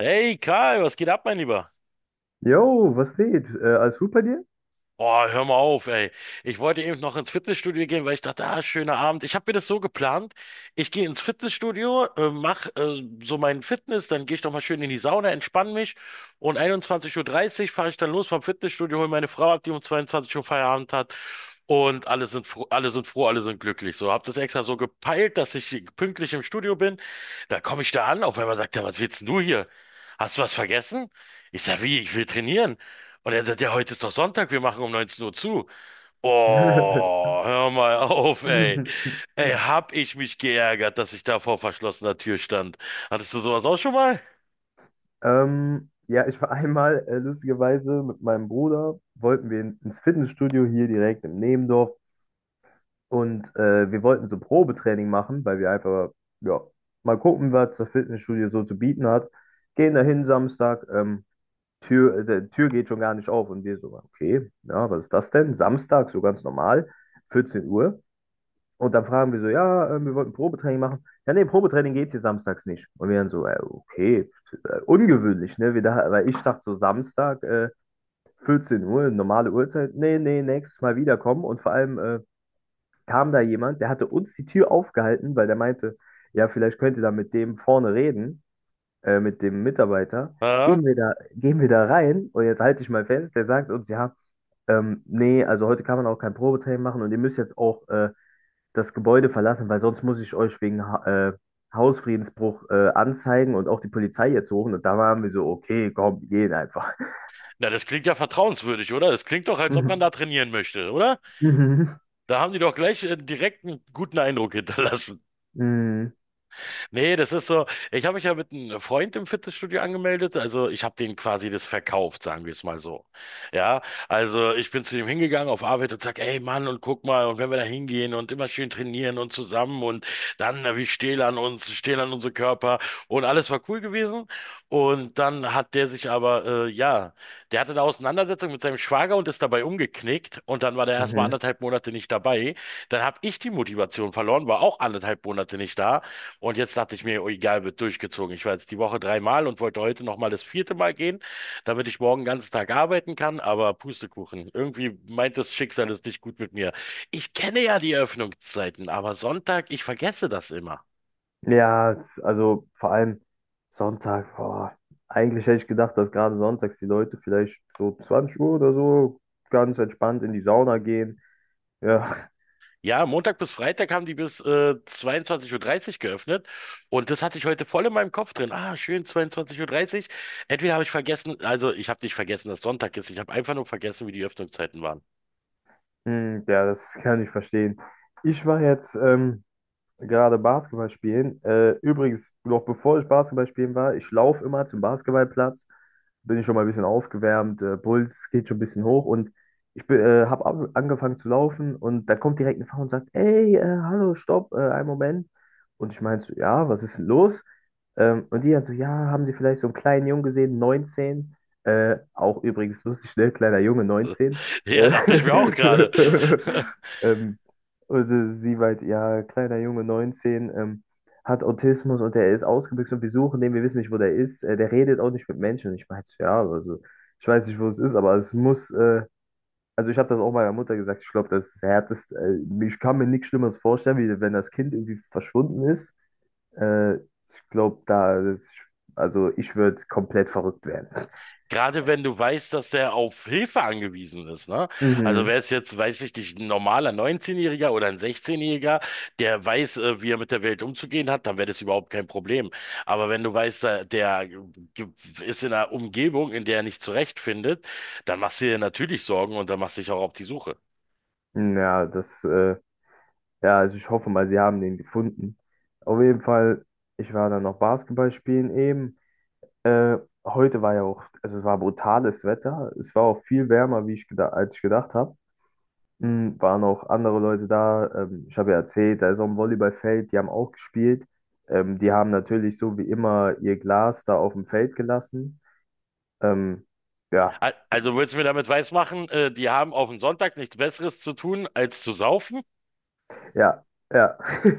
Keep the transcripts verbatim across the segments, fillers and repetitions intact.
Hey Karl, was geht ab, mein Lieber? Jo, was geht? Äh, alles gut bei dir? Boah, hör mal auf, ey. Ich wollte eben noch ins Fitnessstudio gehen, weil ich dachte, ah, schöner Abend. Ich habe mir das so geplant. Ich gehe ins Fitnessstudio, äh, mach äh, so meinen Fitness, dann gehe ich doch mal schön in die Sauna, entspanne mich und 21.30 Uhr dreißig fahre ich dann los vom Fitnessstudio, hole meine Frau ab, die um zweiundzwanzig Uhr Feierabend hat und alle sind froh, alle sind froh, alle sind glücklich. So, hab das extra so gepeilt, dass ich pünktlich im Studio bin. Da komme ich da an, auf einmal sagt er, was willst denn du hier? Hast du was vergessen? Ich sag, wie, ich will trainieren. Und er sagt, ja, heute ist doch Sonntag, wir machen um neunzehn Uhr zu. Oh, hör mal auf, ey. Ey, hab ich mich geärgert, dass ich da vor verschlossener Tür stand. Hattest du sowas auch schon mal? Ähm, ja, ich war einmal äh, lustigerweise mit meinem Bruder, wollten wir in, ins Fitnessstudio hier direkt im Nebendorf und äh, wir wollten so Probetraining machen, weil wir einfach, ja, mal gucken, was das Fitnessstudio so zu bieten hat. Gehen dahin Samstag, ähm, Tür, äh, der Tür geht schon gar nicht auf und wir so, okay, ja, was ist das denn? Samstag, so ganz normal, vierzehn Uhr. Und dann fragen wir so, ja, äh, wir wollten Probetraining machen. Ja, nee, Probetraining geht hier samstags nicht. Und wir dann so, äh, okay, äh, ungewöhnlich, ne? Wir da, weil ich dachte so Samstag, äh, vierzehn Uhr, normale Uhrzeit. Nee, nee, nächstes Mal wiederkommen. Und vor allem äh, kam da jemand, der hatte uns die Tür aufgehalten, weil der meinte, ja, vielleicht könnt ihr da mit dem vorne reden, äh, mit dem Mitarbeiter. Ja? Gehen wir da, gehen wir da rein und jetzt halte ich mal fest, der sagt uns, ja, ähm, nee, also heute kann man auch kein Probetraining machen und ihr müsst jetzt auch äh, das Gebäude verlassen, weil sonst muss ich euch wegen ha äh, Hausfriedensbruch äh, anzeigen und auch die Polizei jetzt suchen. Und da waren wir so, okay, komm, wir gehen einfach. Na, das klingt ja vertrauenswürdig, oder? Das klingt doch, als ob man da Mhm. trainieren möchte, oder? Mhm. Da haben die doch gleich äh, direkt einen guten Eindruck hinterlassen. Mhm. Nee, das ist so, ich habe mich ja mit einem Freund im Fitnessstudio angemeldet, also ich habe denen quasi das verkauft, sagen wir es mal so. Ja, also ich bin zu dem hingegangen auf Arbeit und sag, ey Mann, und guck mal, und wenn wir da hingehen und immer schön trainieren und zusammen und dann, na, wir stehlen an uns, stehlen an unsere Körper und alles war cool gewesen. Und dann hat der sich aber, äh, ja, der hatte eine Auseinandersetzung mit seinem Schwager und ist dabei umgeknickt und dann war der erstmal Mhm. anderthalb Monate nicht dabei. Dann habe ich die Motivation verloren, war auch anderthalb Monate nicht da. Und jetzt dachte ich mir, oh, egal, wird durchgezogen. Ich war jetzt die Woche dreimal und wollte heute nochmal das vierte Mal gehen, damit ich morgen den ganzen Tag arbeiten kann. Aber Pustekuchen, irgendwie meint das Schicksal es nicht gut mit mir. Ich kenne ja die Öffnungszeiten, aber Sonntag, ich vergesse das immer. Ja, also vor allem Sonntag, boah. Eigentlich hätte ich gedacht, dass gerade sonntags die Leute vielleicht so zwanzig Uhr oder so ganz entspannt in die Sauna gehen. Ja, Ja, Montag bis Freitag haben die bis äh, 22.30 Uhr dreißig geöffnet und das hatte ich heute voll in meinem Kopf drin. Ah, schön, 22.30 Uhr. Dreißig. Entweder habe ich vergessen, also ich habe nicht vergessen, dass Sonntag ist, ich habe einfach nur vergessen, wie die Öffnungszeiten waren. mhm. Ja, das kann ich verstehen. Ich war jetzt ähm, gerade Basketball spielen. Äh, übrigens, noch bevor ich Basketball spielen war, ich laufe immer zum Basketballplatz, bin ich schon mal ein bisschen aufgewärmt, äh, Puls geht schon ein bisschen hoch und ich bin, äh, habe angefangen zu laufen und da kommt direkt eine Frau und sagt, ey, äh, hallo, stopp, äh, einen Moment. Und ich meinte so, ja, was ist denn los? Ähm, und die dann so, ja, haben Sie vielleicht so einen kleinen Jungen gesehen, neunzehn? Äh, auch übrigens lustig, ne? Kleiner Junge, neunzehn. Ja, Äh, dachte ich mir auch gerade. ähm, und äh, sie meinte, ja, kleiner Junge, neunzehn ähm, hat Autismus und der ist ausgebüxt und wir suchen den, wir wissen nicht, wo der ist. Äh, der redet auch nicht mit Menschen. Und ich meinte, so, ja, also ich weiß nicht, wo es ist, aber es muss, äh, also ich habe das auch meiner Mutter gesagt, ich glaube, das ist das Härteste. Äh, ich kann mir nichts Schlimmeres vorstellen, wie wenn das Kind irgendwie verschwunden ist. Äh, ich glaube, da, also ich würde komplett verrückt werden. Gerade wenn du weißt, dass der auf Hilfe angewiesen ist, ne? Also Mhm. wäre es jetzt, weiß ich nicht, ein normaler neunzehn-Jähriger oder ein sechzehn-Jähriger, der weiß, äh, wie er mit der Welt umzugehen hat, dann wäre das überhaupt kein Problem. Aber wenn du weißt, da- der ge- ist in einer Umgebung, in der er nicht zurechtfindet, dann machst du dir natürlich Sorgen und dann machst du dich auch auf die Suche. Ja, das. Äh, Ja, also ich hoffe mal, sie haben den gefunden. Auf jeden Fall, ich war dann noch Basketball spielen eben. Äh, heute war ja auch, also es war brutales Wetter. Es war auch viel wärmer, wie ich gedacht, als ich gedacht habe. Mm, waren auch andere Leute da. Ähm, ich habe ja erzählt, da ist auch ein Volleyballfeld, die haben auch gespielt. Ähm, die haben natürlich so wie immer ihr Glas da auf dem Feld gelassen. Ähm, ja, Al- Also willst du mir damit weismachen, äh, die haben auf den Sonntag nichts Besseres zu tun, als zu saufen? ja, ja.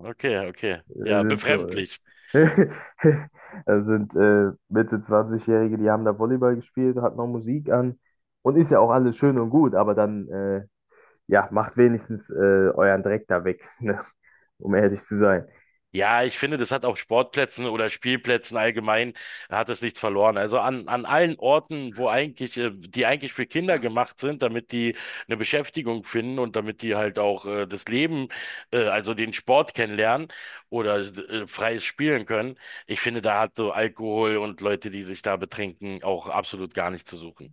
Okay, okay. Ja, Sind so. befremdlich. äh, Das sind äh, Mitte zwanzig-Jährige, die haben da Volleyball gespielt, hat noch Musik an und ist ja auch alles schön und gut, aber dann äh, ja, macht wenigstens äh, euren Dreck da weg, ne? Um ehrlich zu sein. Ja, ich finde, das hat auf Sportplätzen oder Spielplätzen allgemein hat es nichts verloren. Also an, an allen Orten, wo eigentlich, äh, die eigentlich für Kinder gemacht sind, damit die eine Beschäftigung finden und damit die halt auch äh, das Leben, äh, also den Sport kennenlernen oder äh, freies Spielen können. Ich finde, da hat so Alkohol und Leute, die sich da betrinken, auch absolut gar nicht zu suchen.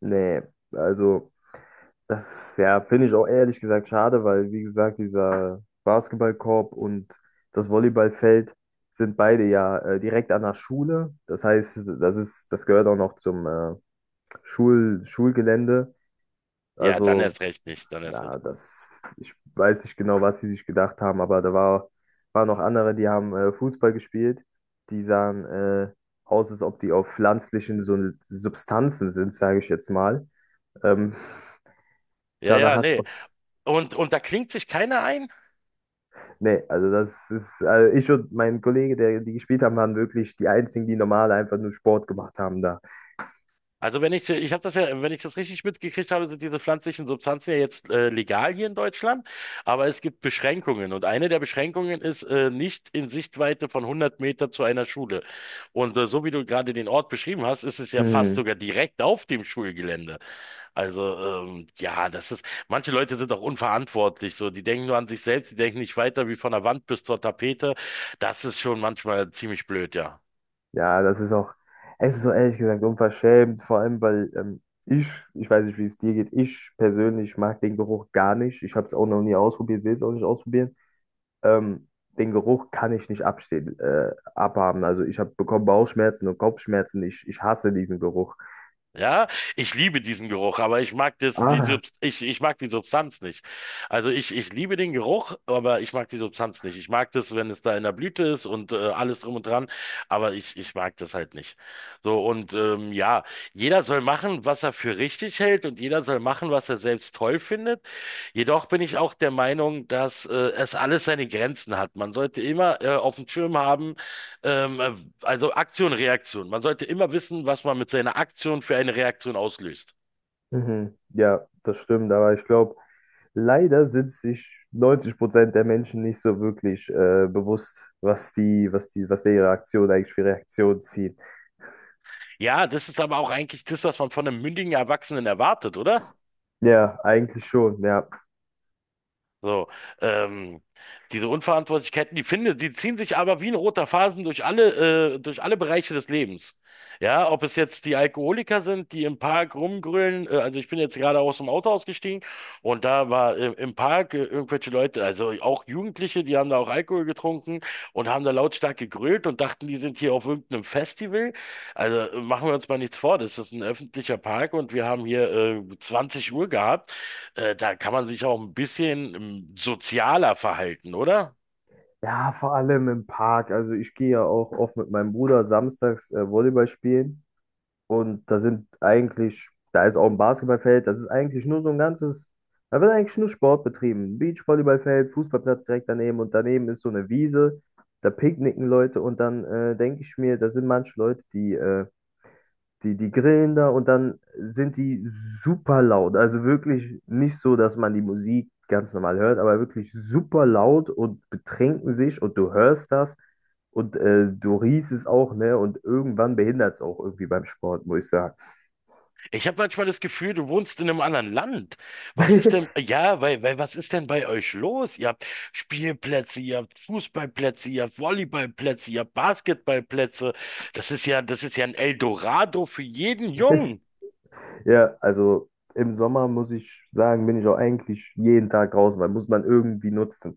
Nee, also das ja, finde ich auch ehrlich gesagt schade, weil wie gesagt, dieser Basketballkorb und das Volleyballfeld sind beide ja äh, direkt an der Schule. Das heißt, das ist, das gehört auch noch zum äh, Schul Schulgelände. Ja, dann Also erst recht nicht, dann erst na, recht nicht. das, ich weiß nicht genau, was sie sich gedacht haben, aber da war, waren noch andere, die haben äh, Fußball gespielt. Die sahen äh, aus, als ob die auf pflanzlichen so Substanzen sind, sage ich jetzt mal. Ähm, Ja, Danach ja, hat's nee. auch. Und, und da klingt sich keiner ein. Nee, also das ist, also ich und mein Kollege, der die gespielt haben, waren wirklich die einzigen, die normal einfach nur Sport gemacht haben da. Also wenn ich, ich habe das ja, wenn ich das richtig mitgekriegt habe, sind diese pflanzlichen Substanzen ja jetzt äh, legal hier in Deutschland, aber es gibt Beschränkungen und eine der Beschränkungen ist äh, nicht in Sichtweite von hundert Meter zu einer Schule. Und äh, so wie du gerade den Ort beschrieben hast, ist es ja fast Mhm. sogar direkt auf dem Schulgelände. Also ähm, ja, das ist, manche Leute sind auch unverantwortlich, so die denken nur an sich selbst, die denken nicht weiter wie von der Wand bis zur Tapete. Das ist schon manchmal ziemlich blöd, ja. Ja, das ist auch, es ist so ehrlich gesagt unverschämt, vor allem weil ähm, ich, ich weiß nicht, wie es dir geht, ich persönlich mag den Geruch gar nicht. Ich habe es auch noch nie ausprobiert, will es auch nicht ausprobieren. Ähm, Den Geruch kann ich nicht abstehen, äh, abhaben. Also ich habe bekommen Bauchschmerzen und Kopfschmerzen. Ich, ich hasse diesen Geruch. Ja, ich liebe diesen Geruch, aber ich mag das, die, Ah, Subs- ich, ich mag die Substanz nicht. Also ich, ich liebe den Geruch, aber ich mag die Substanz nicht. Ich mag das, wenn es da in der Blüte ist und äh, alles drum und dran, aber ich, ich mag das halt nicht. So, und ähm, ja, jeder soll machen, was er für richtig hält und jeder soll machen, was er selbst toll findet. Jedoch bin ich auch der Meinung, dass äh, es alles seine Grenzen hat. Man sollte immer äh, auf dem Schirm haben, ähm, äh, also Aktion, Reaktion. Man sollte immer wissen, was man mit seiner Aktion für eine Reaktion auslöst. mhm. Ja, das stimmt, aber ich glaube, leider sind sich neunzig Prozent der Menschen nicht so wirklich äh, bewusst, was die, was die, was ihre Aktion eigentlich für Reaktionen zieht. Ja, das ist aber auch eigentlich das, was man von einem mündigen Erwachsenen erwartet, oder? Ja, eigentlich schon, ja. So, ähm, diese Unverantwortlichkeiten, die finde, die ziehen sich aber wie ein roter Faden durch alle, äh, durch alle Bereiche des Lebens. Ja, ob es jetzt die Alkoholiker sind, die im Park rumgrölen, äh, also ich bin jetzt gerade aus dem Auto ausgestiegen und da war äh, im Park äh, irgendwelche Leute, also auch Jugendliche, die haben da auch Alkohol getrunken und haben da lautstark gegrölt und dachten, die sind hier auf irgendeinem Festival. Also äh, machen wir uns mal nichts vor, das ist ein öffentlicher Park und wir haben hier äh, zwanzig Uhr gehabt. Äh, da kann man sich auch ein bisschen ähm, sozialer verhalten, oder? Ja, vor allem im Park. Also ich gehe ja auch oft mit meinem Bruder samstags äh, Volleyball spielen. Und da sind eigentlich, da ist auch ein Basketballfeld, das ist eigentlich nur so ein ganzes, da wird eigentlich nur Sport betrieben. Beachvolleyballfeld, Fußballplatz direkt daneben und daneben ist so eine Wiese, da picknicken Leute und dann äh, denke ich mir, da sind manche Leute, die äh, Die, die grillen da und dann sind die super laut. Also wirklich nicht so, dass man die Musik ganz normal hört, aber wirklich super laut und betrinken sich und du hörst das und äh, du riechst es auch, ne? Und irgendwann behindert es auch irgendwie beim Sport, muss ich sagen. Ich habe manchmal das Gefühl, du wohnst in einem anderen Land. Was ist denn, ja, weil, weil, was ist denn bei euch los? Ihr habt Spielplätze, ihr habt Fußballplätze, ihr habt Volleyballplätze, ihr habt Basketballplätze. Das ist ja, das ist ja ein Eldorado für jeden Jungen. Ja, also im Sommer muss ich sagen, bin ich auch eigentlich jeden Tag draußen, weil muss man irgendwie nutzen.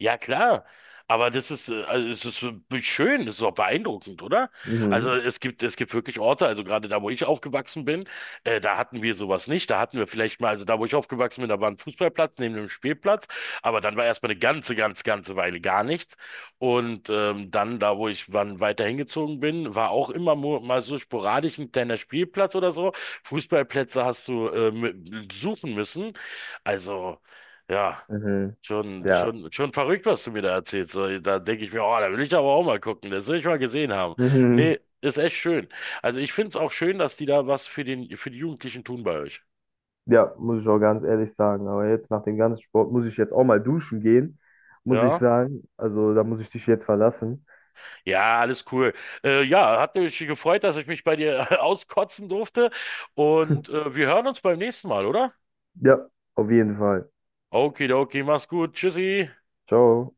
Ja, klar. Aber das ist, äh, also es ist äh, schön, es ist auch beeindruckend, oder? Mhm, Also es gibt, es gibt wirklich Orte, also gerade da, wo ich aufgewachsen bin, äh, da hatten wir sowas nicht. Da hatten wir vielleicht mal, also da, wo ich aufgewachsen bin, da war ein Fußballplatz neben dem Spielplatz, aber dann war erstmal eine ganze, ganz, ganze Weile gar nichts. Und ähm, dann, da, wo ich wann weiter hingezogen bin, war auch immer mo- mal so sporadisch ein kleiner Spielplatz oder so. Fußballplätze hast du äh, mü- suchen müssen. Also, ja. mhm, Schon, ja. schon, schon verrückt, was du mir da erzählst. So, da denke ich mir, oh, da will ich aber auch mal gucken. Das will ich mal gesehen haben. Mhm. Nee, ist echt schön. Also ich finde es auch schön, dass die da was für den, für die Jugendlichen tun bei euch. Ja, muss ich auch ganz ehrlich sagen. Aber jetzt nach dem ganzen Sport muss ich jetzt auch mal duschen gehen, muss ich Ja? sagen. Also da muss ich dich jetzt verlassen. Ja, alles cool. Äh, ja, hat mich gefreut, dass ich mich bei dir auskotzen durfte. Und äh, wir hören uns beim nächsten Mal, oder? Ja, auf jeden Fall. Okidoki, mach's gut. Tschüssi. Ciao.